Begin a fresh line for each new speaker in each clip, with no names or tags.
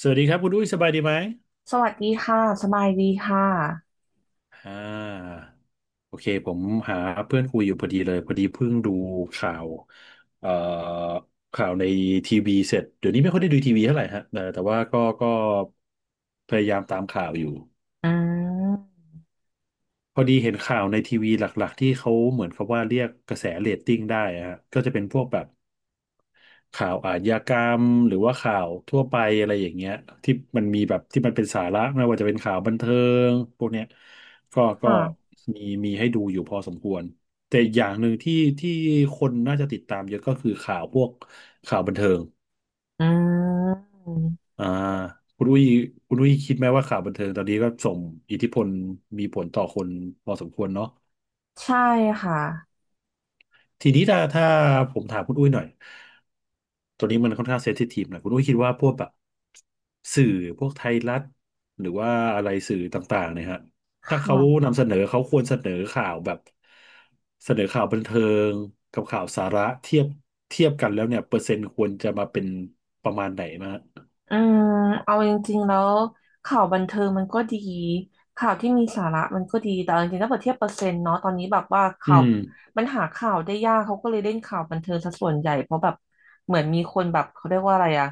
สวัสดีครับคุณอุ้ยสบายดีไหม
สวัสดีค่ะสบายดีค่ะ
อ่าโอเคผมหาเพื่อนคุยอยู่พอดีเลยพอดีเพิ่งดูข่าวเอ่อข่าวในทีวีเสร็จเดี๋ยวนี้ไม่ค่อยได้ดูทีวีเท่าไหร่ฮะแต่ว่าก็พยายามตามข่าวอยู่
อืม
พอดีเห็นข่าวในทีวีหลักๆที่เขาเหมือนเขาว่าเรียกกระแสเรตติ้งได้อะฮะก็จะเป็นพวกแบบ ข่าวอาชญากรรมหรือว่าข่าวทั่วไปอะไรอย่างเงี้ยที่มันมีแบบที่มันเป็นสาระไม่ว่าจะเป็นข่าวบันเทิงพวกเนี้ยก็
ค่ะ
มีให้ดูอยู่พอสมควรแต่อย่างหนึ่งที่ที่คนน่าจะติดตามเยอะก็คือข่าวพวกข่าวบันเทิง
อืม
อ่าคุณอุ้ยคุณอุ้ยคิดไหมว่าข่าวบันเทิงตอนนี้ก็ส่งอิทธิพลมีผลต่อคนพอสมควรเนาะ
ใช่ค่ะ
ทีนี้ถ้าผมถามคุณอุ้ยหน่อย ตัวนี้มันค่อนข้างเซนซิทีฟหนะคุณอุ้ยคิดว่าพวกแบบสื่อพวกไทยรัฐหรือว่าอะไรสื่อต่างๆเนี่ยฮะ
ค
ถ้าเขา
่ะ
นำเสนอเขาควรเสนอข่าวแบบเสนอข่าวบันเทิงกับข่าวสาระเทียบกันแล้วเนี่ยเปอร์เซ็นต์ควรจะมาเป็นประมาณไหนมาฮะ
อืมเอาจริงๆแล้วข่าวบันเทิงมันก็ดีข่าวที่มีสาระมันก็ดีแต่เอาจริงๆถ้าเปรียบเทียบเปอร์เซ็นต์เนาะตอนนี้แบบว่า
อื
ข่าว
ม
มันหาข่าวได้ยากเขาก็เลยเล่นข่าวบันเทิงซะส่วนใหญ่เพราะแบบเหมือนมีคนแบบเขาเรียกว่าอะไรอะ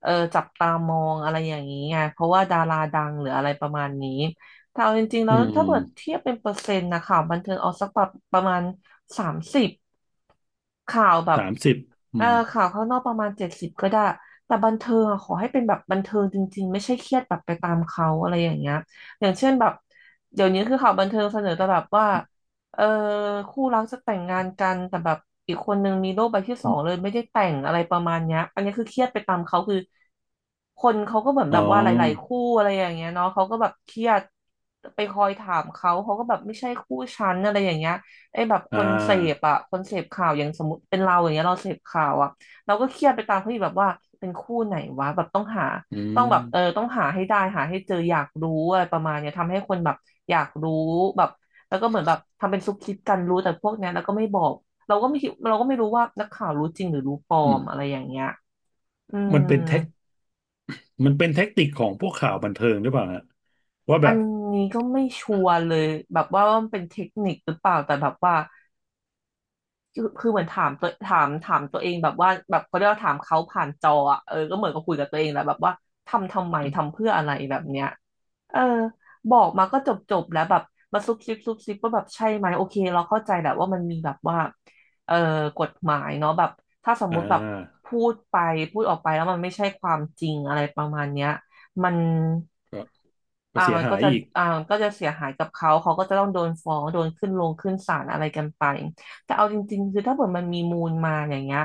เออจับตามองอะไรอย่างนี้ไงเพราะว่าดาราดังหรืออะไรประมาณนี้แต่เอาจริงๆแล้
อื
ว
ม
ถ้าเปรียบเทียบเป็นเปอร์เซ็นต์นะข่าวบันเทิงเอาสักแบบประมาณสามสิบข่าวแบบ
30
เอ
อื
อ
ม
ข่าวข้างนอกประมาณเจ็ดสิบก็ได้ แต่บันเทิงอะขอให้เป็นแบบบันเทิงจริงๆไม่ใช่เครียดแบบไปตามเขาอะไรอย่างเงี้ยอย่างเช่นแบบเดี๋ยวนี้คือข่าวบันเทิงเสนอแต่แบบว่าเออคู่รักจะแต่งงานกันแต่แบบอีกคนนึงมีโรคใบที่สอ
อ
งเลย
ม
ไม่ได้แต่งอะไรประมาณเนี้ยอันนี้คือเครียดไปตามเขาคือคนเขาก็เหมือน
อ๋
แบ
อ
บว่าหลายๆคู่อะไรอย่างเงี้ยเนาะเขาก็แบบเครียดไปคอยถามเขาเขาก็แบบไม่ใช่คู่ฉันอะไรอย่างเงี้ยไอ้แบบค
อ่า
นเสพอะคนเสพข่าวอย่างสมมติเป็นเราอย่างเงี้ยเราเสพข่าวอะ เราก็เครียดไปตามเฮ้ยแบบว่าเป็นคู่ไหนวะแบบต้องหา
อื
ต้องแบบเออ
ม
ต้องหาให้ได้หาให้เจออยากรู้อะไรประมาณเนี้ยทำให้คนแบบอยากรู้แบบแล้วก็เหมือนแบบทำเป็นซุบซิบกันรู้แต่พวกเนี้ยแล้วก็ไม่บอกเราก็ไม่คิดเราก็ไม่รู้ว่านักข่าวรู้จริงหรือรู้ปลอ
อืม
มอะไรอย่างเงี้ยอื
มัน
ม
เป็นเทคมันเป็นแท็กติกของพวกข่าวบันเทิงหรือเปล่าฮะว่า
อั
แบ
น
บ
นี้ก็ไม่ชัวร์เลยแบบว่ามันเป็นเทคนิคหรือเปล่าแต่แบบว่าคือเหมือนถามตัวถามตัวเองแบบว่าแบบเขาเรียกว่าถามเขาผ่านจออะเออก็เหมือนกับคุยกับตัวเองแหละแบบว่าทำไมทำเพื่ออะไรแบบเนี้ย เออบอกมาก็จบแล้วแบบมาซุบซิบซุบซิบว่าแบบใช่ไหมโอเคเราเข้าใจแหละว่ามันมีแบบว่าเออกฎหมายเนาะแบบถ้าสม
อ่า
มุติแบบพูดไปพูดออกไปแล้วมันไม่ใช่ความจริงอะไรประมาณเนี้ยมัน
ก็
อ่า
เสีย
มัน
หา
ก็
ย
จะ
อีก
อ่ามันก็จะเสียหายกับเขาเขาก็จะต้องโดนฟ้องโดนขึ้นลงขึ้นศาลอะไรกันไป แต่เอาจริงๆคือถ้าเกิดมันมีมูลมาอย่างเงี้ย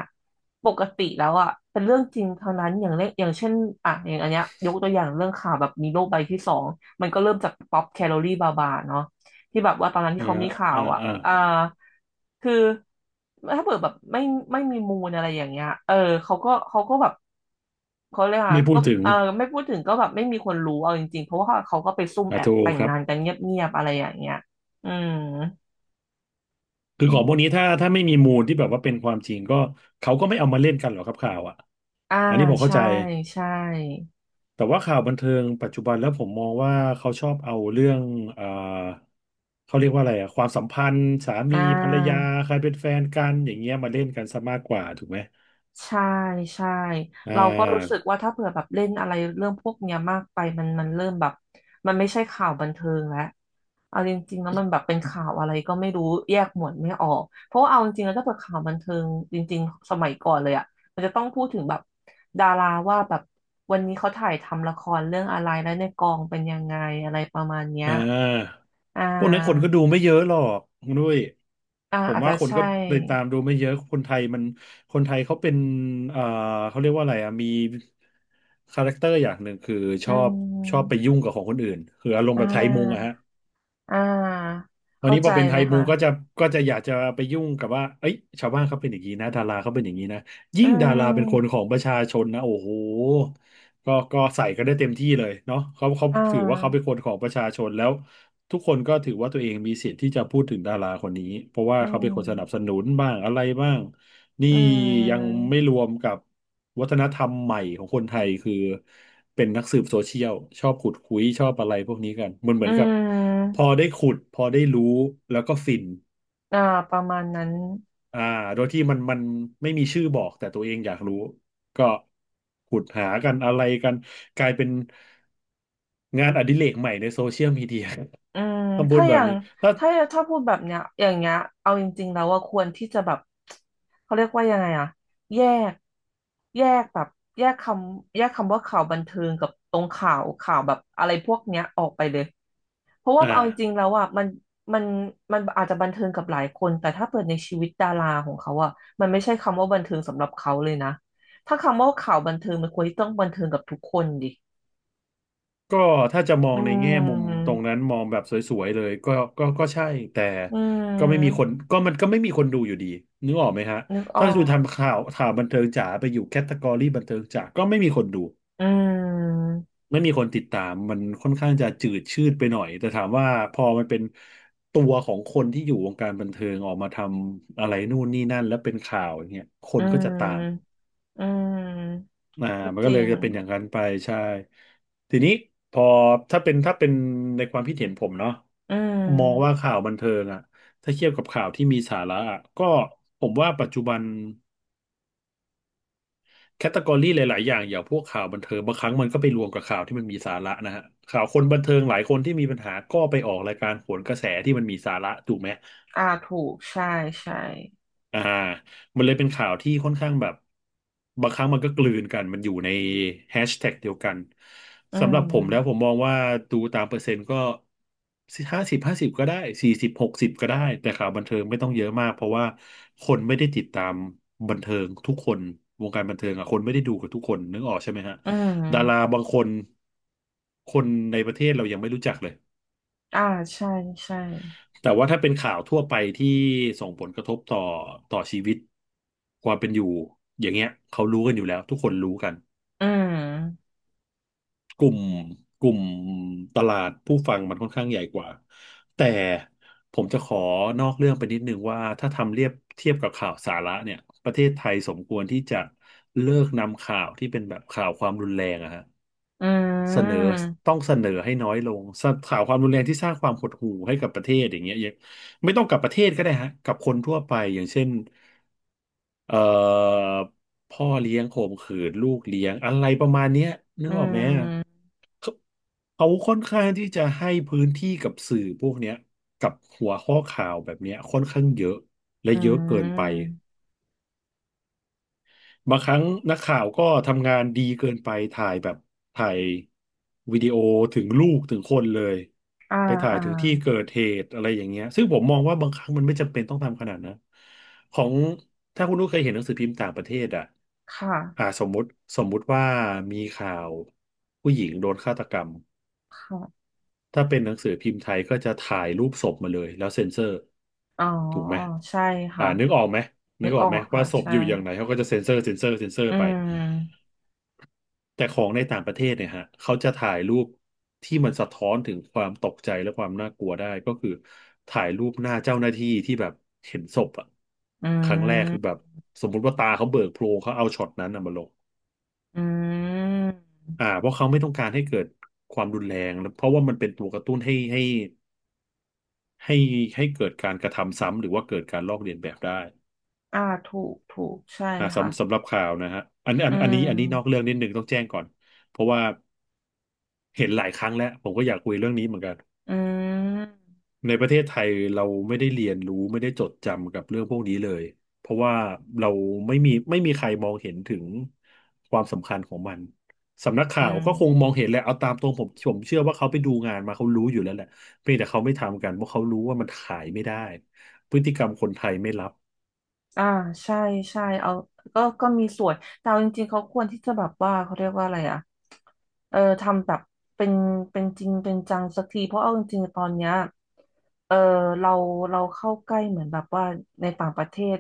ปกติแล้วอ่ะเป็นเรื่องจริงเท่านั้นอย่างเล็กอย่างเช่นอ่ะอย่างอันเนี้ยยกตัวอย่างเรื่องข่าวแบบมีโรคใบที่สองมันก็เริ่มจากป๊อปแคลอรี่บาบาเนาะที่แบบว่าตอนนั้นที่
เอ่อ
เขามีข่า
อ่า
วอ่ะ
อ่า
อ่าคือถ้าเกิดแบบไม่มีมูลอะไรอย่างเงี้ยเออเขาก็แบบเขาเลยกอ่ะ
ไม่พู
ก็
ดถึง
เออไม่พูดถึงก็แบบไม่มีคนรู้เอาจริงๆเพราะว่าเขาก็ไปซุ่ม
อ่า
แอบ
ถู
แต่
ก
ง
ครับ
งานกันเงียบๆอะไรอย่างเงี้ยอืม
คือของพวกนี้ถ้าไม่มีมูลที่แบบว่าเป็นความจริงก็เขาก็ไม่เอามาเล่นกันหรอกครับข่าวอ่ะ
อ่า
อันนี้ผมเข้า
ใช่
ใจ
ใช่
แต่ว่าข่าวบันเทิงปัจจุบันแล้วผมมองว่าเขาชอบเอาเรื่องอ่าเขาเรียกว่าอะไรอ่ะความสัมพันธ์สามี
อ่า
ภรรยาใครเป็นแฟนกันอย่างเงี้ยมาเล่นกันซะมากกว่าถูกไหม
ใช่ใช่
อ่
เราก็รู้สึก
า
ว่าถ้าเผื่อแบบเล่นอะไรเรื่องพวกเนี้ยมากไปมันเริ่มแบบมันไม่ใช่ข่าวบันเทิงแล้วเอาจริงๆแล้วมันแบบเป็นข่าวอะไรก็ไม่รู้แยกหมวดไม่ออกเพราะว่าเอาจริงๆแล้วถ้าเผื่อข่าวบันเทิงจริงๆสมัยก่อนเลยอ่ะมันจะต้องพูดถึงแบบดาราว่าแบบวันนี้เขาถ่ายทำละครเรื่องอะไรแล้วในกองเป็นยังไงอะไรประมาณเนี้ย
อ่า
อ่
พวกนั้นคนก็
า
ดูไม่เยอะหรอกคุณด้วย
อ่า
ผม
อาจ
ว่า
จะ
คน
ใช่
ก็ไปตามดูไม่เยอะคนไทยเขาเป็นเอ่อเขาเรียกว่าอะไรอ่ะ มีคาแรคเตอร์อย่างหนึ่งคือช
อื
อบชอบไป
ม
ยุ่งกับของคนอื่น คืออารมณ์
อ่
แบบไทยมุงอะ
า
ฮะ
อ่า
วัน
เข้า
นี้พ
ใจ
อเป็นไท
เล
ย
ย
มู
ค่ะ
ก็จะก็จะอยากจะไปยุ่งกับว่าเอ้ยชาวบ้านเขาเป็นอย่างนี้นะดาราเขาเป็นอย่างนี้นะ
อื
ยิ่งดาราเป็นคนข
ม
องประชาชนนะโอ้โหก็ใส่กันได้เต็มที่เลยเนาะเขา
อ่
ถือว่าเขาเป็น
า
คนของประชาชนแล้วทุกคนก็ถือว่าตัวเองมีสิทธิ์ที่จะพูดถึงดาราคนนี้เพราะว่า
อื
เขาเป็นคนสนับส
ม
นุนบ้างอะไรบ้าง นี่
อื
ยัง
ม
ไม่รวมกับวัฒนธรรมใหม่ของคนไทยคือเป็นนักสืบโซเชียลชอบขุดคุยชอบอะไรพวกนี้กันมันเห
อื
มือนกับพ
ม
อได้ขุดพอได้รู้แล้วก็ฟิน
อ่าประมาณนั้น
อ่าโดยที่มันไม่มีชื่อบอกแต่ตัวเองอยากรู้ก็ขุดหากันอะไรกันกลายเป็นงานอดิเรกใหม่ในโซเชียลมีเดีย
อืม
ทำบุญ
ถ้าอ
แบบ
ย่าง
นี้ถ้า
ถ้าพูดแบบเนี้ยอย่างเงี้ยเอาจริงๆแล้วว่าควรที่จะแบบเขาเรียกว่ายังไงอะแยกแยกแบบแยกคแยกคำว่าข่าวบันเทิงกับตรงข่าวข่าวแบบอะไรพวกเนี้ยออกไปเลย เพราะ
อ
ว่าเอาจริง
่า
ๆแล้วอ่ะมันมันอาจจะบันเทิงกับหลายคนแต่ถ้าเปิดในชีวิตดาราของเขาอ่ะมันไม่ใช่คำว่าบันเทิงสำหรับเขาเลยนะถ้าคำว่าข่าวบันเทิงมันควรที่ต้องบันเทิงกับทุกคนดิ
ก็ถ้าจะมอ
อื
งในแง่มุมตรง
ม
นั้นมองแบบสวยๆเลยก็ก็ใช่แต่
อื
ก็ไม่มีคน
ม
ก็มันก็ไม่มีคนดูอยู่ดีนึกออกไหมฮะ
นึกอ
ถ้า
อ
คุณ
ก
ทำข่าวบันเทิงจ๋าไปอยู่แคตตากรีบันเทิงจ๋าก็ไม่มีคนดู
อืม
ไม่มีคนติดตามมันค่อนข้างจะจืดชืดไปหน่อยแต่ถามว่าพอมันเป็นตัวของคนที่อยู่วงการบันเทิงออกมาทำอะไรนู่นนี่นั่นแล้วเป็นข่าวอย่างเงี้ยค
อื
นก็จะตาม
มอืม
อ่า
ก็
มัน
จ
ก็เล
ริ
ย
ง
จะเป็นอย่างนั้นไปใช่ทีนี้พอถ้าเป็นในความคิดเห็นผมเนาะ
อื
มองว่า
ม
ข่าวบันเทิงอะถ้าเทียบกับข่าวที่มีสาระอะก็ผมว่าปัจจุบันแคตตากรีหลายๆ อย่างอย่างพวกข่าวบันเทิงบางครั้งมันก็ไปรวมกับข่าวที่มันมีสาระนะฮะข่าวคนบันเทิงหลายคนที่มีปัญหาก็ไปออกรายการโหนกระแสที่มันมีสาระถูกไหม
อ่าถูกใช่ใช่
อ่ามันเลยเป็นข่าวที่ค่อนข้างแบบบางครั้งมันก็กลืนกันมันอยู่ในแฮชแท็กเดียวกัน
อื
สำหรับผมแล้วผ
ม
มมองว่าดูตามเปอร์เซ็นต์ก็50 50ก็ได้40 60ก็ได้แต่ข่าวบันเทิงไม่ต้องเยอะมากเพราะว่าคนไม่ได้ติดตามบันเทิงทุกคนวงการบันเทิงอ่ะคนไม่ได้ดูกับทุกคนนึกออกใช่ไหมฮะ
อืม
ดาราบางคนคนในประเทศเรายังไม่รู้จักเลย
อ่าใช่ใช่
แต่ว่าถ้าเป็นข่าวทั่วไปที่ส่งผลกระทบต่อชีวิตความเป็นอยู่อย่างเงี้ยเขารู้กันอยู่แล้วทุกคนรู้กัน
อืม
กลุ่มกลุ่มตลาดผู้ฟังมันค่อนข้างใหญ่กว่าแต่ผมจะขอนอกเรื่องไปนิดนึงว่าถ้าทำเรียบเทียบกับข่าวสาระเนี่ยประเทศไทยสมควรที่จะเลิกนำข่าวที่เป็นแบบข่าวความรุนแรงอะฮะ
อื
เสนอต้
ม
องเสนอให้น้อยลงสข่าวความรุนแรงที่สร้างความหดหู่ให้กับประเทศอย่างเงี้ยยังไม่ต้องกับประเทศก็ได้ฮะกับคนทั่วไปอย่างเช่น เอ่อพ่อเลี้ยงข่มขืนลูกเลี้ยงอะไรประมาณเนี้ยนึ
อื
กออกไหมอะ
ม
เขาเขาค่อนข้างที่จะให้พื้นที่กับสื่อพวกเนี้ยกับหัวข้อข่าวแบบเนี้ยค่อนข้างเยอะและ
อื
เยอะเกินไป
ม
บางครั้งนักข่าวก็ทำงานดีเกินไปถ่ายวิดีโอถึงลูกถึงคนเลย
อ่า
ไปถ่าย
อ่า
ถึงที่เกิดเหตุอะไรอย่างเงี้ยซึ่งผมมองว่าบางครั้งมันไม่จำเป็นต้องทำขนาดนั้นของถ้าคุณลูกเคยเห็นหนังสือพิมพ์ต่างประเทศอ่ะ
ค่ะ
อ่าสมมุติว่ามีข่าวผู้หญิงโดนฆาตกรรม
ค่ะ
ถ้าเป็นหนังสือพิมพ์ไทยก็จะถ่ายรูปศพมาเลยแล้วเซ็นเซอร์
อ๋อ
ถูกไหม
ใช่
อ่า
ค่ะ
นึกออกไหม
นึกออก
ว่า
ค่ะ
ศพ
ใช่
อยู่อย่างไหนเขาก็จะเซ็นเซอร์
อื
ไป
ม
แต่ของในต่างประเทศเนี่ยฮะเขาจะถ่ายรูปที่มันสะท้อนถึงความตกใจและความน่ากลัวได้ก็คือถ่ายรูปหน้าเจ้าหน้าที่ที่แบบเห็นศพอะ
อื
ครั้งแรกคือแบบ
ม
สมมุติว่าตาเขาเบิกโพลงเขาเอาช็อตนั้นน่ะมาลง
อื
อ่า
ม
เพราะเขาไม่ต้องการให้เกิดความรุนแรงแล้วเพราะว่ามันเป็นตัวกระตุ้นให้ให้เกิดการกระทำซ้ำหรือว่าเกิดการลอกเลียนแบบได้
อ่าถูกถูกใช่
อ่า
ค่ะ
สำหรับข่าวนะฮะ
อื
อันนี้นอก
ม
เรื่องนิดนึงต้องแจ้งก่อนเพราะว่าเห็นหลายครั้งแล้วผมก็อยากคุยเรื่องนี้เหมือนกัน
อืม
ในประเทศไทยเราไม่ได้เรียนรู้ไม่ได้จดจำกับเรื่องพวกนี้เลยเพราะว่าเราไม่มีใครมองเห็นถึงความสำคัญของมันสำนัก
อื
ข่าว
ม
ก็คงมองเห็นแหละเอาตามตรงผมเชื่อว่าเขาไปดูงานมาเขารู้อยู่แล้วแหละเพียงแต่เขาไม่ทำกันเพราะเขารู้ว่ามันขายไม่ได้พฤติกรรมคนไทยไม่รับ
อ่าใช่ใช่เอาก็มีส่วนแต่เอาจริงๆเขาควรที่จะแบบว่าเขาเรียกว่าอะไรอ่ะทำแบบเป็นเป็นจริงเป็นจังสักทีเพราะเอาจริงๆตอนเนี้ยเออเราเราเข้าใกล้เหมือนแบบว่าในต่างประเทศ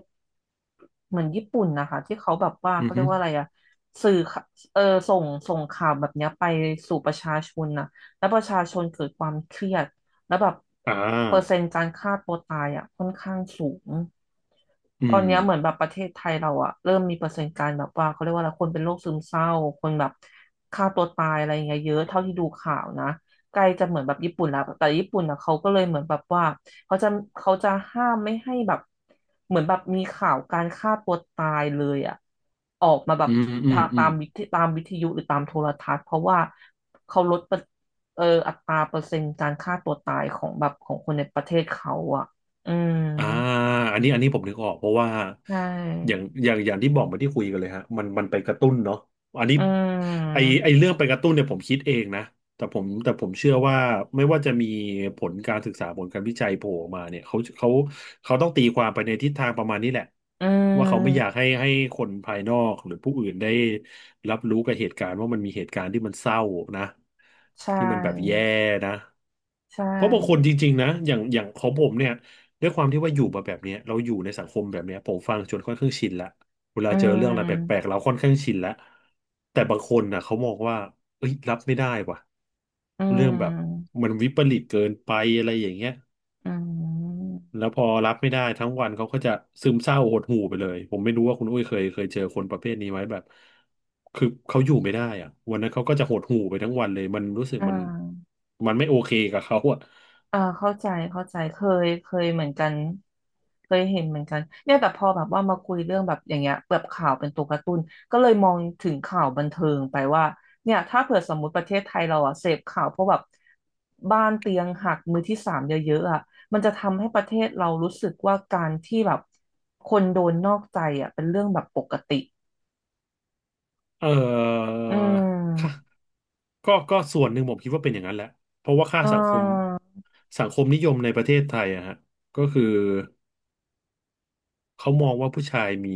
เหมือนญี่ปุ่นนะคะที่เขาแบบว่า
อื
เขา
อ
เรี
ฮึ
ยกว่าอะไรอ่ะสื่อข่าเออส่งข่าวแบบเนี้ยไปสู่ประชาชนนะแล้วประชาชนเกิดความเครียด แล้วแบบ
อ่า
เปอร์เซ็นต์การฆ่าตัวตายอ่ะค่อนข้างสูง
อื
ตอ
ม
นเนี้ยเหมือนแบบประเทศไทยเราอ่ะเริ่มมีเปอร์เซ็นต์การแบบว่าเขาเรียกว่าอะไรคนเป็นโรคซึมเศร้าคนแบบฆ่าตัวตายอะไรอย่างเงี้ยเยอะเท่าที่ดูข่าวนะ ไกลจะเหมือนแบบญี่ปุ่นแล้วแต่ญี่ปุ่นนะเขาก็เลยเหมือนแบบว่าเขาจะเขาจะห้ามไม่ให้แบบเหมือนแบบมีข่าวการฆ่าตัวตายเลยอ่ะออกมาแบ
อื
บ
มอืม
ทา
อืม
ตามวิทยุหรือตามโทรทัศน์เพราะว่าเขาลดเปอร์อัตราเปอร์เซ็นต์การฆ่าตัวตายของคนในประเทศเขาอ่ะอืม
อ่าอันนี้ผมนึกออกเพราะว่า
ใช
อย่าง
่
อย่างอย่างที่บอกเหมาที่คุยกันเลยฮะมันไปกระตุ้นเนาะอันนี้
อื
ไอไอ
ม
เรื่องไปกระตุ้นเนี่ยผมคิดเองนะแต่ผมเชื่อว่าไม่ว่าจะมีผลการศึกษาผลการวิจัยโผล่ออกมาเนี่ยเขาต้องตีความไปในทิศทางประมาณนี้แหละ
อื
ว่าเขาไม่อยาก
ม
ให้คนภายนอกหรือผู้อื่นได้รับรู้กับเหตุการณ์ว่ามันมีเหตุการณ์ที่มันเศร้านะ
ใช
ที่มันแบบแย่
่
นะ
ใช่
เพราะบางคนจริงๆนะอย่างของผมเนี่ย ด้วยความที่ว่าอยู่มาแบบเนี้ยเราอยู่ในสังคมแบบเนี้ยผมฟังจนค่อนข้างชินละเวลา
อื
เจอเรื่องอะไรแปลก
ม
ๆเราค่อนข้างชินละแต่บางคนน่ะเขามองว่าเอ้ยรับไม่ได้ว่ะ
อื
เรื่องแบบ
ม
มันวิปริตเกินไปอะไรอย่างเงี้ย
อืม
แล้วพอรับไม่ได้ทั้งวันเขาก็จะซึมเศร้าหดหู่ไปเลยผมไม่รู้ว่าคุณอุ้ยเคยเจอคนประเภทนี้ไหมแบบคือเขาอยู่ไม่ได้อะวันนั้นเขาก็จะหดหู่ไปทั้งวันเลยมันรู้สึก
อ่
มัน
า
มันไม่โอเคกับเขาอะ
เข้าใจเข้าใจเคยเหมือนกันเคยเห็นเหมือนกันเนี่ยแต่พอแบบว่ามาคุยเรื่องแบบอย่างเงี้ยแบบข่าวเป็นตัวการ์ตูนก็เลยมองถึงข่าวบันเทิงไปว่าเนี่ยถ้าเผื่อสมมติประเทศไทยเราอะเสพข่าวเพราะแบบบ้านเตียงหักมือที่สามเยอะๆอะมันจะทำให้ประเทศเรารู้สึกว่าการที่แบบคนโดนนอกใจอะเป็นเรื่องแบบปกติ
เอ่อ
อื
ค่ะ
ม
ก็ส่วนหนึ่งผมคิดว่าเป็นอย่างนั้นแหละเพราะว่าค่า
อ่
สังคม
า
สังคมนิยมในประเทศไทยอะฮะก็คือเขามองว่าผู้ชายมี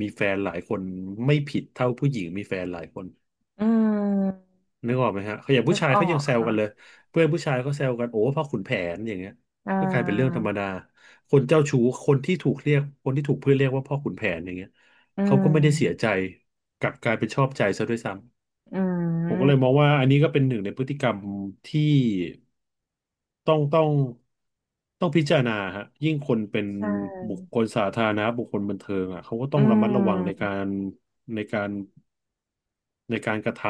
มีแฟนหลายคนไม่ผิดเท่าผู้หญิงมีแฟนหลายคน
อืม
นึกออกไหมฮะเขาอย่าง
นึ
ผู้
ก
ชาย
ออ
เขายั
ก
งแซว
ค่ะ
กันเลยเพื่อนผู้ชายเขาแซวกันโอ้พ่อขุนแผนอย่างเงี้ย
อ่า
ก็กลายเป็นเรื่องธรรมดาคนเจ้าชู้คนที่ถูกเรียกคนที่ถูกเพื่อนเรียกว่าพ่อขุนแผนอย่างเงี้ย
อื
เขาก็ไม่ได้เสียใจ
ม
กลับกลายเป็นชอบใจซะด้วยซ้
อื
ผมก็เลยม
ม
องว่าอันนี้ก็เป็นหนึ่งในพฤติกรรมที่ต้องต้องต้องพิจารณาฮะยิ่งคนเป็น
ใช
บุค
่
คลสาธารณะบุคคลบันเทิงอ่ะเขาก็ต้
อื
องระมัดระวังในกา
ม
รในการในการกระท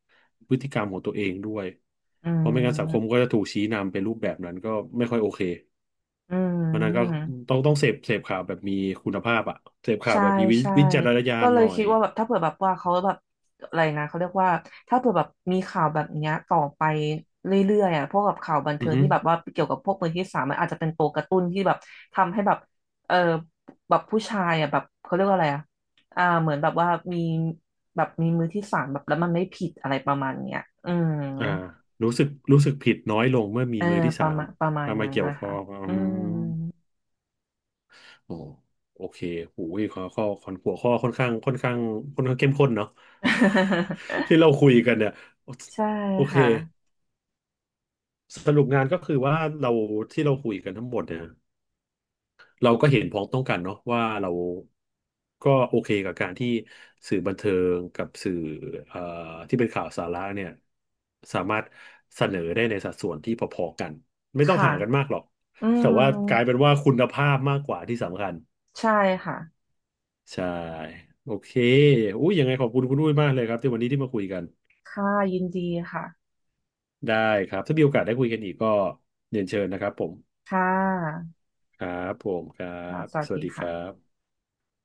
ำพฤติกรรมของตัวเองด้วย
อื
เพราะไม่
ม
งั้นสังคมก็จะถูกชี้นำเป็นรูปแบบนั้นก็ไม่ค่อยโอเค
อื
เพราะฉะนั้นก็
ม
ต้องเสพข่าวแบบมีคุณภาพอ่ะเสพข่าว
ใช่
แบบมีวิ
ใช่
วิจารณญา
ก็
ณ
เล
ห
ย
น่อ
คิ
ย
ดว่าแบบถ้าเผื่อแบบว่าเขาแบบอะไรนะเขาเรียกว่าถ้าเผื่อแบบมีข่าวแบบเนี้ยต่อไปเรื่อยๆอ่ะพวกแบบข่าวบัน
อื
เทิ
อ
ง
ฮึ
ที่แบบว่าเกี่ยวกับพวกมือที่สามมันอาจจะเป็นตัวกระตุ้นที่แบบทำให้แบบเออแบบผู้ชายอ่ะแบบเขาเรียกว่าอะไรอ่ะเหมือนแบบว่ามีแบบมีมือที่สามแบบแล้วมันไม่ผิดอะไรประมาณเนี้ยอืม
อ่ารู้สึกผิดน้อยลงเมื่อมี
เออ
มือที่
ป
สา
ระ
ม
มาณประมาณ
มา
นั้น
เกี่ยว
นะ
ข้อ
คะ
งอื
อื
ม
ม
โอ้โอเคโอ้ยข้อข้อข้อหัวข้อค่อนข้างเข้มข้นเนาะ ที่ เราคุยกันเนี่ย
ใช่
โอเค
ค่ะ
สรุปงานก็คือว่าเราที่เราคุยกันทั้งหมดเนี่ย เราก็เห็นพ้องต้องกันเนาะว่าเราก็โอเคกับการที่สื่อบันเทิงกับสื่อเอ่อที่เป็นข่าวสาระเนี่ยสามารถเสนอได้ในสัดส่วนที่พอๆกันไม่ต้อง
ค่ะ
ห่างกันมากหรอก
อื
แต่
ม
ว่ากลายเป็นว่าคุณภาพมากกว่าที่สำคัญ
ใช่ค่ะ
ใช่โอเคอุ้ยยังไงขอบคุณคุณอุ้ยมากเลยครับที่วันนี้ที่มาคุยกัน
ค่ะยินดีค่ะ
ได้ครับถ้ามีโอกาสได้คุยกันอีกก็เรียนเชิญนะครับผม
ค่ะ
ครับผมครั
ค่ะ
บ
สวั
ส
ส
วัส
ดี
ดีครั
ค่ะ
บ